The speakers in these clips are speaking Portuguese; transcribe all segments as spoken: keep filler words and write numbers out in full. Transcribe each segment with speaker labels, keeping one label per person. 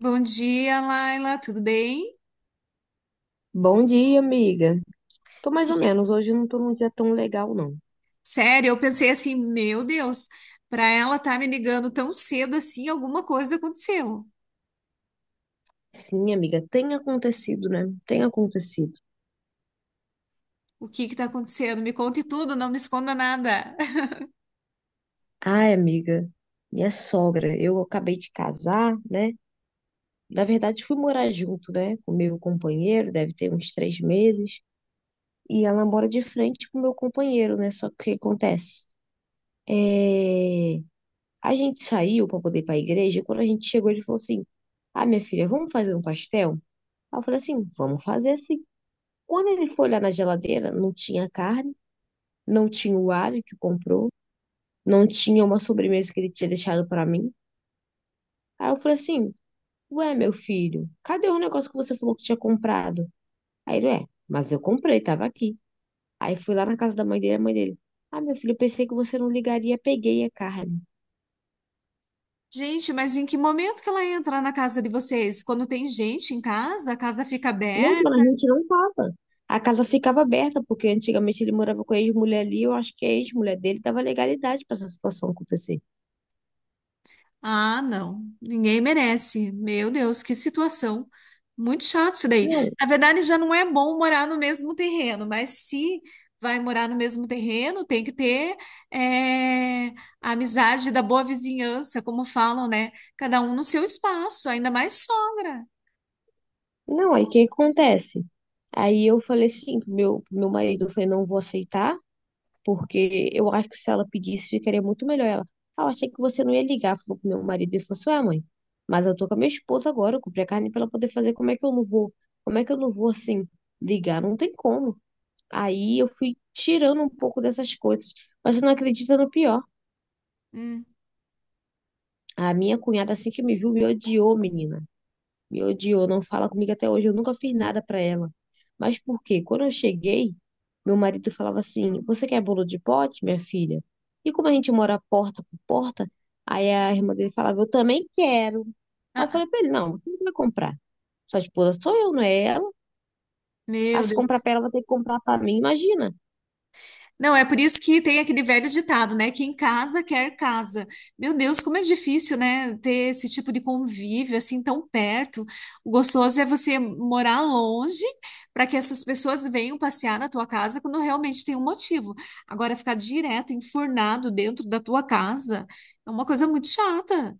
Speaker 1: Bom dia, Laila, tudo bem?
Speaker 2: Bom dia, amiga. Tô mais ou
Speaker 1: Que-
Speaker 2: menos. Hoje não tô num dia tão legal, não.
Speaker 1: Sério, eu pensei assim, meu Deus, para ela estar me ligando tão cedo assim, alguma coisa aconteceu.
Speaker 2: Sim, amiga, tem acontecido, né? Tem acontecido.
Speaker 1: O que que tá acontecendo? Me conte tudo, não me esconda nada.
Speaker 2: Ai, amiga, minha sogra, eu acabei de casar, né? Na verdade, fui morar junto, né? Com meu companheiro, deve ter uns três meses. E ela mora de frente com meu companheiro, né? Só que o que acontece? É... A gente saiu pra poder ir pra igreja. E quando a gente chegou, ele falou assim: Ah, minha filha, vamos fazer um pastel? Aí eu falei assim: Vamos fazer. Quando ele foi olhar na geladeira, não tinha carne, não tinha o alho que comprou, não tinha uma sobremesa que ele tinha deixado para mim. Aí eu falei assim: Ué, meu filho, cadê o negócio que você falou que tinha comprado? Aí ele, é, mas eu comprei, tava aqui. Aí fui lá na casa da mãe dele, a mãe dele. Ah, meu filho, eu pensei que você não ligaria, peguei a carne.
Speaker 1: Gente, mas em que momento que ela entra na casa de vocês? Quando tem gente em casa, a casa fica
Speaker 2: Não, quando a
Speaker 1: aberta?
Speaker 2: gente não tava. A casa ficava aberta, porque antigamente ele morava com a ex-mulher ali, eu acho que a ex-mulher dele dava legalidade para essa situação acontecer.
Speaker 1: Ah, não. Ninguém merece. Meu Deus, que situação. Muito chato isso daí.
Speaker 2: Não,
Speaker 1: Na verdade, já não é bom morar no mesmo terreno, mas se vai morar no mesmo terreno, tem que ter é, a amizade da boa vizinhança, como falam, né? Cada um no seu espaço, ainda mais sogra.
Speaker 2: não, aí o que acontece? Aí eu falei assim pro meu, pro meu marido, eu falei, não vou aceitar, porque eu acho que se ela pedisse, ficaria muito melhor. Ela, ah, eu achei que você não ia ligar, falou pro meu marido, e falou assim, ué, mãe, mas eu tô com a minha esposa agora, eu comprei a carne pra ela poder fazer, como é que eu não vou, como é que eu não vou, assim, ligar? Não tem como. Aí eu fui tirando um pouco dessas coisas, mas você não acredita no pior.
Speaker 1: Hum.
Speaker 2: A minha cunhada, assim que me viu, me odiou, menina. Me odiou, não fala comigo até hoje. Eu nunca fiz nada pra ela. Mas por quê? Quando eu cheguei, meu marido falava assim: Você quer bolo de pote, minha filha? E como a gente mora porta por porta, aí a irmã dele falava: Eu também quero. Aí eu
Speaker 1: Ah, ah.
Speaker 2: falei pra ele: Não, você não vai comprar. Sua esposa sou eu, não é ela. Ah,
Speaker 1: Meu
Speaker 2: se
Speaker 1: Deus.
Speaker 2: comprar pra ela, vai ter que comprar pra mim, imagina.
Speaker 1: Não, é por isso que tem aquele velho ditado, né? Quem casa quer casa. Meu Deus, como é difícil, né? Ter esse tipo de convívio assim tão perto. O gostoso é você morar longe para que essas pessoas venham passear na tua casa quando realmente tem um motivo. Agora, ficar direto, enfurnado dentro da tua casa é uma coisa muito chata.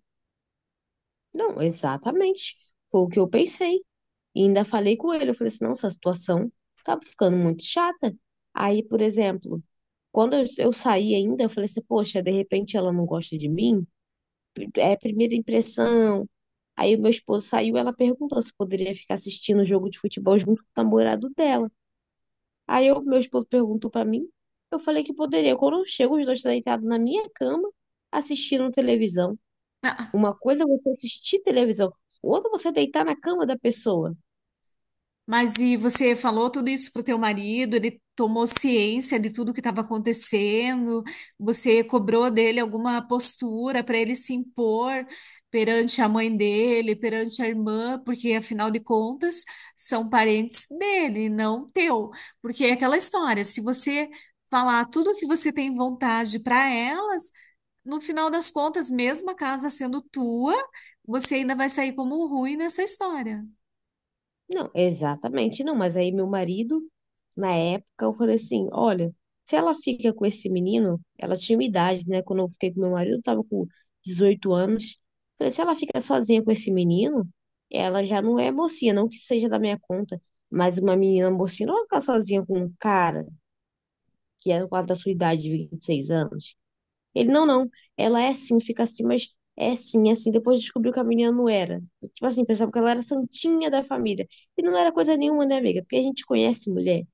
Speaker 2: Não, exatamente. Foi o que eu pensei. E ainda falei com ele. Eu falei assim: Não, essa situação tá ficando muito chata. Aí, por exemplo. Quando eu, eu saí ainda, eu falei assim, poxa, de repente ela não gosta de mim? É a primeira impressão. Aí o meu esposo saiu, ela perguntou se poderia ficar assistindo o jogo de futebol junto com o namorado dela. Aí o meu esposo perguntou pra mim, eu falei que poderia. Quando eu chego, os dois estão deitados na minha cama, assistindo televisão. Uma coisa é você assistir televisão, outra é você deitar na cama da pessoa.
Speaker 1: Mas e você falou tudo isso pro teu marido? Ele tomou ciência de tudo que estava acontecendo? Você cobrou dele alguma postura para ele se impor perante a mãe dele, perante a irmã? Porque afinal de contas são parentes dele, não teu. Porque é aquela história, se você falar tudo o que você tem vontade para elas, no final das contas, mesmo a casa sendo tua, você ainda vai sair como um ruim nessa história.
Speaker 2: Não, exatamente não, mas aí meu marido, na época, eu falei assim, olha, se ela fica com esse menino, ela tinha uma idade, né? Quando eu fiquei com meu marido, eu tava com dezoito anos. Falei, se ela fica sozinha com esse menino, ela já não é mocinha, não que seja da minha conta, mas uma menina mocinha não vai ficar sozinha com um cara que é quase da sua idade, de vinte e seis anos. Ele, não, não, ela é assim, fica assim, mas é assim, é assim. Depois descobriu que a menina não era. Tipo assim, pensava que ela era santinha da família. E não era coisa nenhuma, né, amiga? Porque a gente conhece mulher.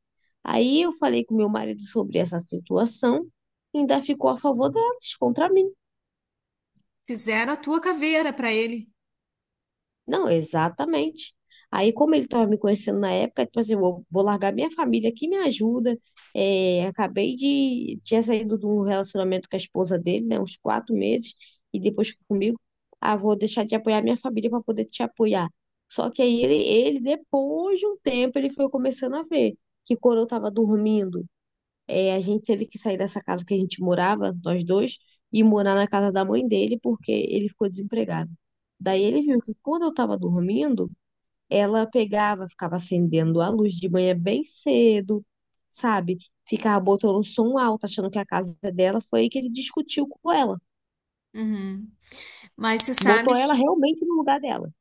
Speaker 2: Aí eu falei com meu marido sobre essa situação e ainda ficou a favor delas, contra mim.
Speaker 1: Fizeram a tua caveira para ele.
Speaker 2: Não, exatamente. Aí, como ele estava me conhecendo na época, tipo assim, vou, vou largar minha família que me ajuda. É, acabei de. Tinha saído de um relacionamento com a esposa dele, né? Uns quatro meses, e depois ficou comigo. Ah, vou deixar de apoiar minha família para poder te apoiar. Só que aí ele, ele, depois de um tempo, ele foi começando a ver que quando eu estava dormindo, é, a gente teve que sair dessa casa que a gente morava, nós dois, e morar na casa da mãe dele porque ele ficou desempregado. Daí ele viu que quando eu estava dormindo, ela pegava, ficava acendendo a luz de manhã bem cedo, sabe? Ficava botando um som alto, achando que a casa é dela. Foi aí que ele discutiu com ela.
Speaker 1: Uhum. Mas você sabe
Speaker 2: Botou ela
Speaker 1: que.
Speaker 2: realmente no lugar dela.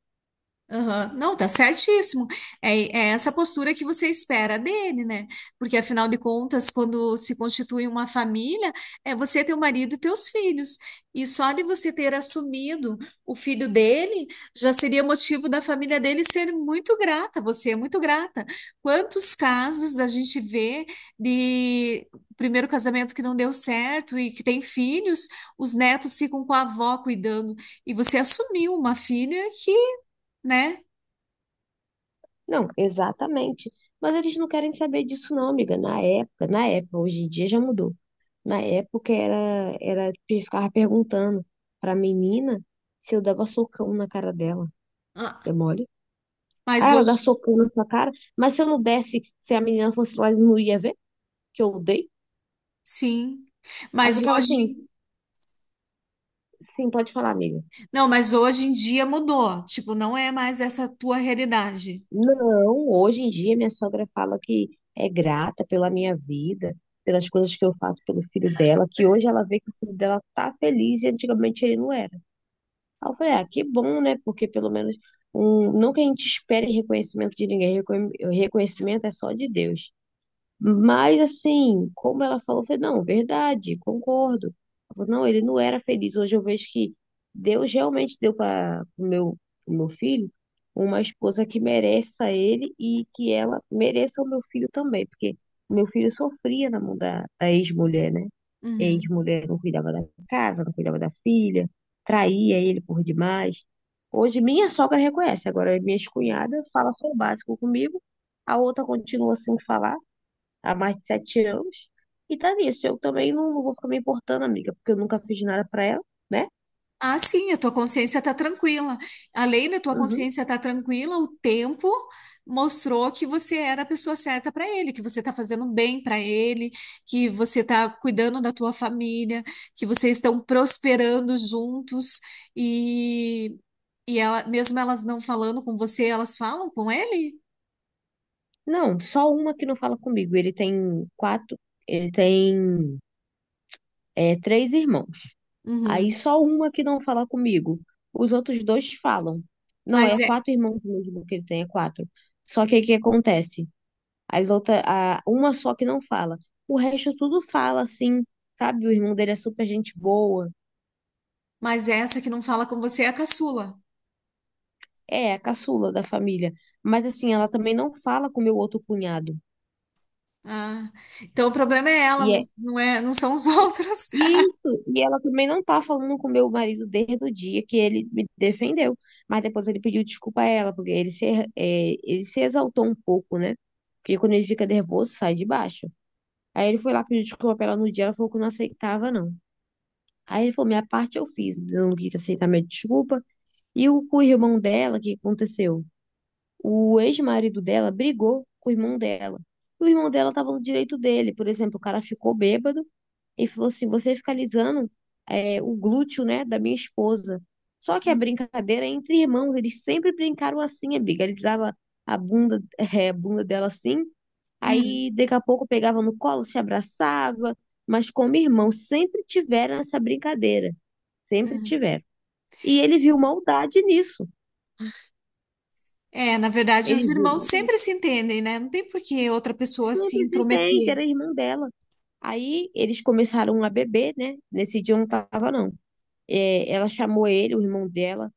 Speaker 1: Aham. Não, tá certíssimo. É, é essa postura que você espera dele, né? Porque afinal de contas, quando se constitui uma família, é você, teu marido e teus filhos. E só de você ter assumido o filho dele, já seria motivo da família dele ser muito grata, você é muito grata. Quantos casos a gente vê de primeiro casamento que não deu certo e que tem filhos, os netos ficam com a avó cuidando, e você assumiu uma filha que, né?
Speaker 2: Não, exatamente. Mas eles não querem saber disso, não, amiga. Na época, na época, hoje em dia já mudou. Na época era, era pe- ficava perguntando pra menina se eu dava socão na cara dela. É
Speaker 1: Ah,
Speaker 2: mole? Ah,
Speaker 1: mas
Speaker 2: ela dá
Speaker 1: hoje,
Speaker 2: socão na sua cara, mas se eu não desse, se a menina fosse lá, não ia ver que eu dei.
Speaker 1: sim.
Speaker 2: Aí
Speaker 1: Mas
Speaker 2: ficava assim,
Speaker 1: hoje,
Speaker 2: sim, pode falar, amiga.
Speaker 1: não, mas hoje em dia mudou. Tipo, não é mais essa tua realidade.
Speaker 2: Não, hoje em dia minha sogra fala que é grata pela minha vida, pelas coisas que eu faço pelo filho dela, que hoje ela vê que o filho dela tá feliz e antigamente ele não era. Aí eu falei, ah, que bom, né? Porque pelo menos, um, não que a gente espere reconhecimento de ninguém, reconhe- reconhecimento é só de Deus. Mas assim, como ela falou, eu falei, não, verdade, concordo. Ela falou, não, ele não era feliz. Hoje eu vejo que Deus realmente deu para o meu, pro meu filho uma esposa que mereça ele e que ela mereça o meu filho também, porque o meu filho sofria na mão da, da ex-mulher, né?
Speaker 1: Uhum.
Speaker 2: Ex-mulher não cuidava da casa, não cuidava da filha, traía ele por demais. Hoje minha sogra reconhece, agora minha cunhada fala só o básico comigo, a outra continua sem falar há mais de sete anos. E tá nisso. Eu também não, não vou ficar me importando, amiga, porque eu nunca fiz nada pra ela, né?
Speaker 1: Ah, sim, a tua consciência tá tranquila. Além da tua
Speaker 2: Uhum.
Speaker 1: consciência tá tranquila, o tempo mostrou que você era a pessoa certa para ele, que você tá fazendo bem para ele, que você tá cuidando da tua família, que vocês estão prosperando juntos e e ela, mesmo elas não falando com você, elas falam com ele?
Speaker 2: Não, só uma que não fala comigo. Ele tem quatro, ele tem é, três irmãos. Aí
Speaker 1: Uhum.
Speaker 2: só uma que não fala comigo. Os outros dois falam. Não,
Speaker 1: Mas
Speaker 2: é
Speaker 1: é,
Speaker 2: quatro irmãos mesmo que ele tem, é quatro. Só que o que acontece? As outra, a, uma só que não fala. O resto tudo fala, assim, sabe? O irmão dele é super gente boa.
Speaker 1: mas é essa que não fala com você é a caçula.
Speaker 2: É, a caçula da família. Mas assim, ela também não fala com meu outro cunhado.
Speaker 1: Ah, então o problema é ela,
Speaker 2: E
Speaker 1: não,
Speaker 2: é
Speaker 1: não é, não são os outros.
Speaker 2: isso. E ela também não tá falando com meu marido desde o dia que ele me defendeu. Mas depois ele pediu desculpa a ela, porque ele se, é, ele se exaltou um pouco, né? Porque quando ele fica nervoso, sai de baixo. Aí ele foi lá pedir desculpa pra ela no dia, ela falou que não aceitava, não. Aí ele falou: minha parte eu fiz, eu não quis aceitar minha desculpa. E o com o irmão dela, o que aconteceu? O ex-marido dela brigou com o irmão dela. E o irmão dela estava no direito dele. Por exemplo, o cara ficou bêbado e falou assim: você fica alisando é, o glúteo, né, da minha esposa. Só que a
Speaker 1: Hum,
Speaker 2: brincadeira é entre irmãos, eles sempre brincaram assim, amiga. Ele dava a bunda, é, a bunda dela assim,
Speaker 1: uhum,
Speaker 2: aí daqui a pouco pegava no colo, se abraçava, mas como irmão, sempre tiveram essa brincadeira, sempre
Speaker 1: uhum.
Speaker 2: tiveram. E ele viu maldade nisso.
Speaker 1: É, na verdade, os
Speaker 2: Ele viu
Speaker 1: irmãos
Speaker 2: maldade.
Speaker 1: sempre se entendem, né? Não tem por que outra pessoa se
Speaker 2: Sempre se entende,
Speaker 1: intrometer.
Speaker 2: era irmão dela. Aí eles começaram a beber, né? Nesse dia eu não tava, não. É, ela chamou ele, o irmão dela,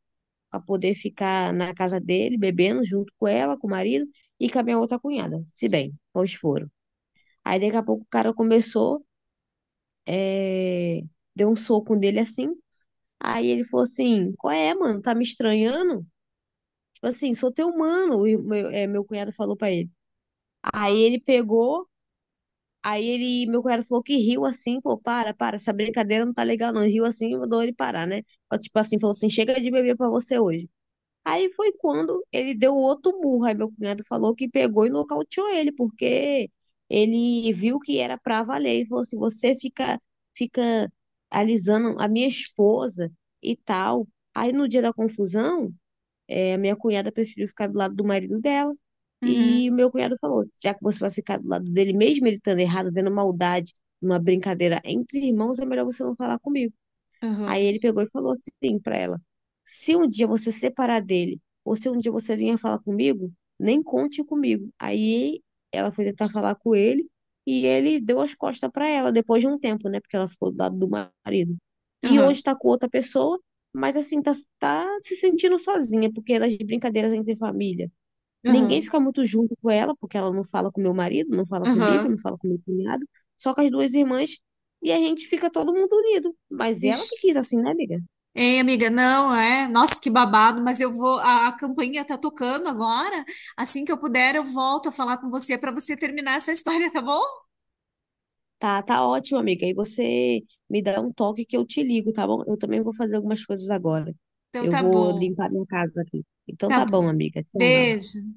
Speaker 2: para poder ficar na casa dele, bebendo junto com ela, com o marido e com a minha outra cunhada, se bem, pois foram. Aí daqui a pouco o cara começou, é, deu um soco nele assim. Aí ele falou assim: Qual é, mano? Tá me estranhando? Tipo assim, sou teu mano, o ir- meu, é, meu cunhado falou pra ele. Aí ele pegou. Aí ele, meu cunhado falou que riu assim, pô, para, para, essa brincadeira não tá legal não. Ele riu assim e mandou ele parar, né? Ó, tipo assim, falou assim, chega de beber pra você hoje. Aí foi quando ele deu outro murro. Aí meu cunhado falou que pegou e nocauteou ele, porque ele viu que era pra valer. Ele falou assim, você fica, fica alisando a minha esposa e tal. Aí no dia da confusão, é, minha cunhada preferiu ficar do lado do marido dela. E
Speaker 1: Uhum,
Speaker 2: o meu cunhado falou: já que você vai ficar do lado dele, mesmo ele estando errado, vendo maldade, numa brincadeira entre irmãos, é melhor você não falar comigo. Aí
Speaker 1: uhum,
Speaker 2: ele pegou e falou assim pra ela: se um dia você se separar dele, ou se um dia você vier falar comigo, nem conte comigo. Aí ela foi tentar falar com ele e ele deu as costas pra ela depois de um tempo, né? Porque ela ficou do lado do marido. E
Speaker 1: uhum,
Speaker 2: hoje tá com outra pessoa, mas assim, tá, tá se sentindo sozinha, porque é das brincadeiras entre família. Ninguém
Speaker 1: uhum,
Speaker 2: fica muito junto com ela, porque ela não fala com meu marido, não fala comigo, não
Speaker 1: uhum.
Speaker 2: fala com meu cunhado, só com as duas irmãs, e a gente fica todo mundo unido. Mas ela que
Speaker 1: Vixe.
Speaker 2: quis assim, né, amiga?
Speaker 1: Ei, amiga, não, é? Nossa, que babado, mas eu vou. A, a campainha tá tocando agora. Assim que eu puder, eu volto a falar com você para você terminar essa história, tá bom?
Speaker 2: Tá, tá ótimo, amiga. E você me dá um toque que eu te ligo, tá bom? Eu também vou fazer algumas coisas agora.
Speaker 1: Então
Speaker 2: Eu
Speaker 1: tá
Speaker 2: vou
Speaker 1: bom,
Speaker 2: limpar minha casa aqui. Então
Speaker 1: tá
Speaker 2: tá bom,
Speaker 1: bom.
Speaker 2: amiga. Tchau.
Speaker 1: Beijo.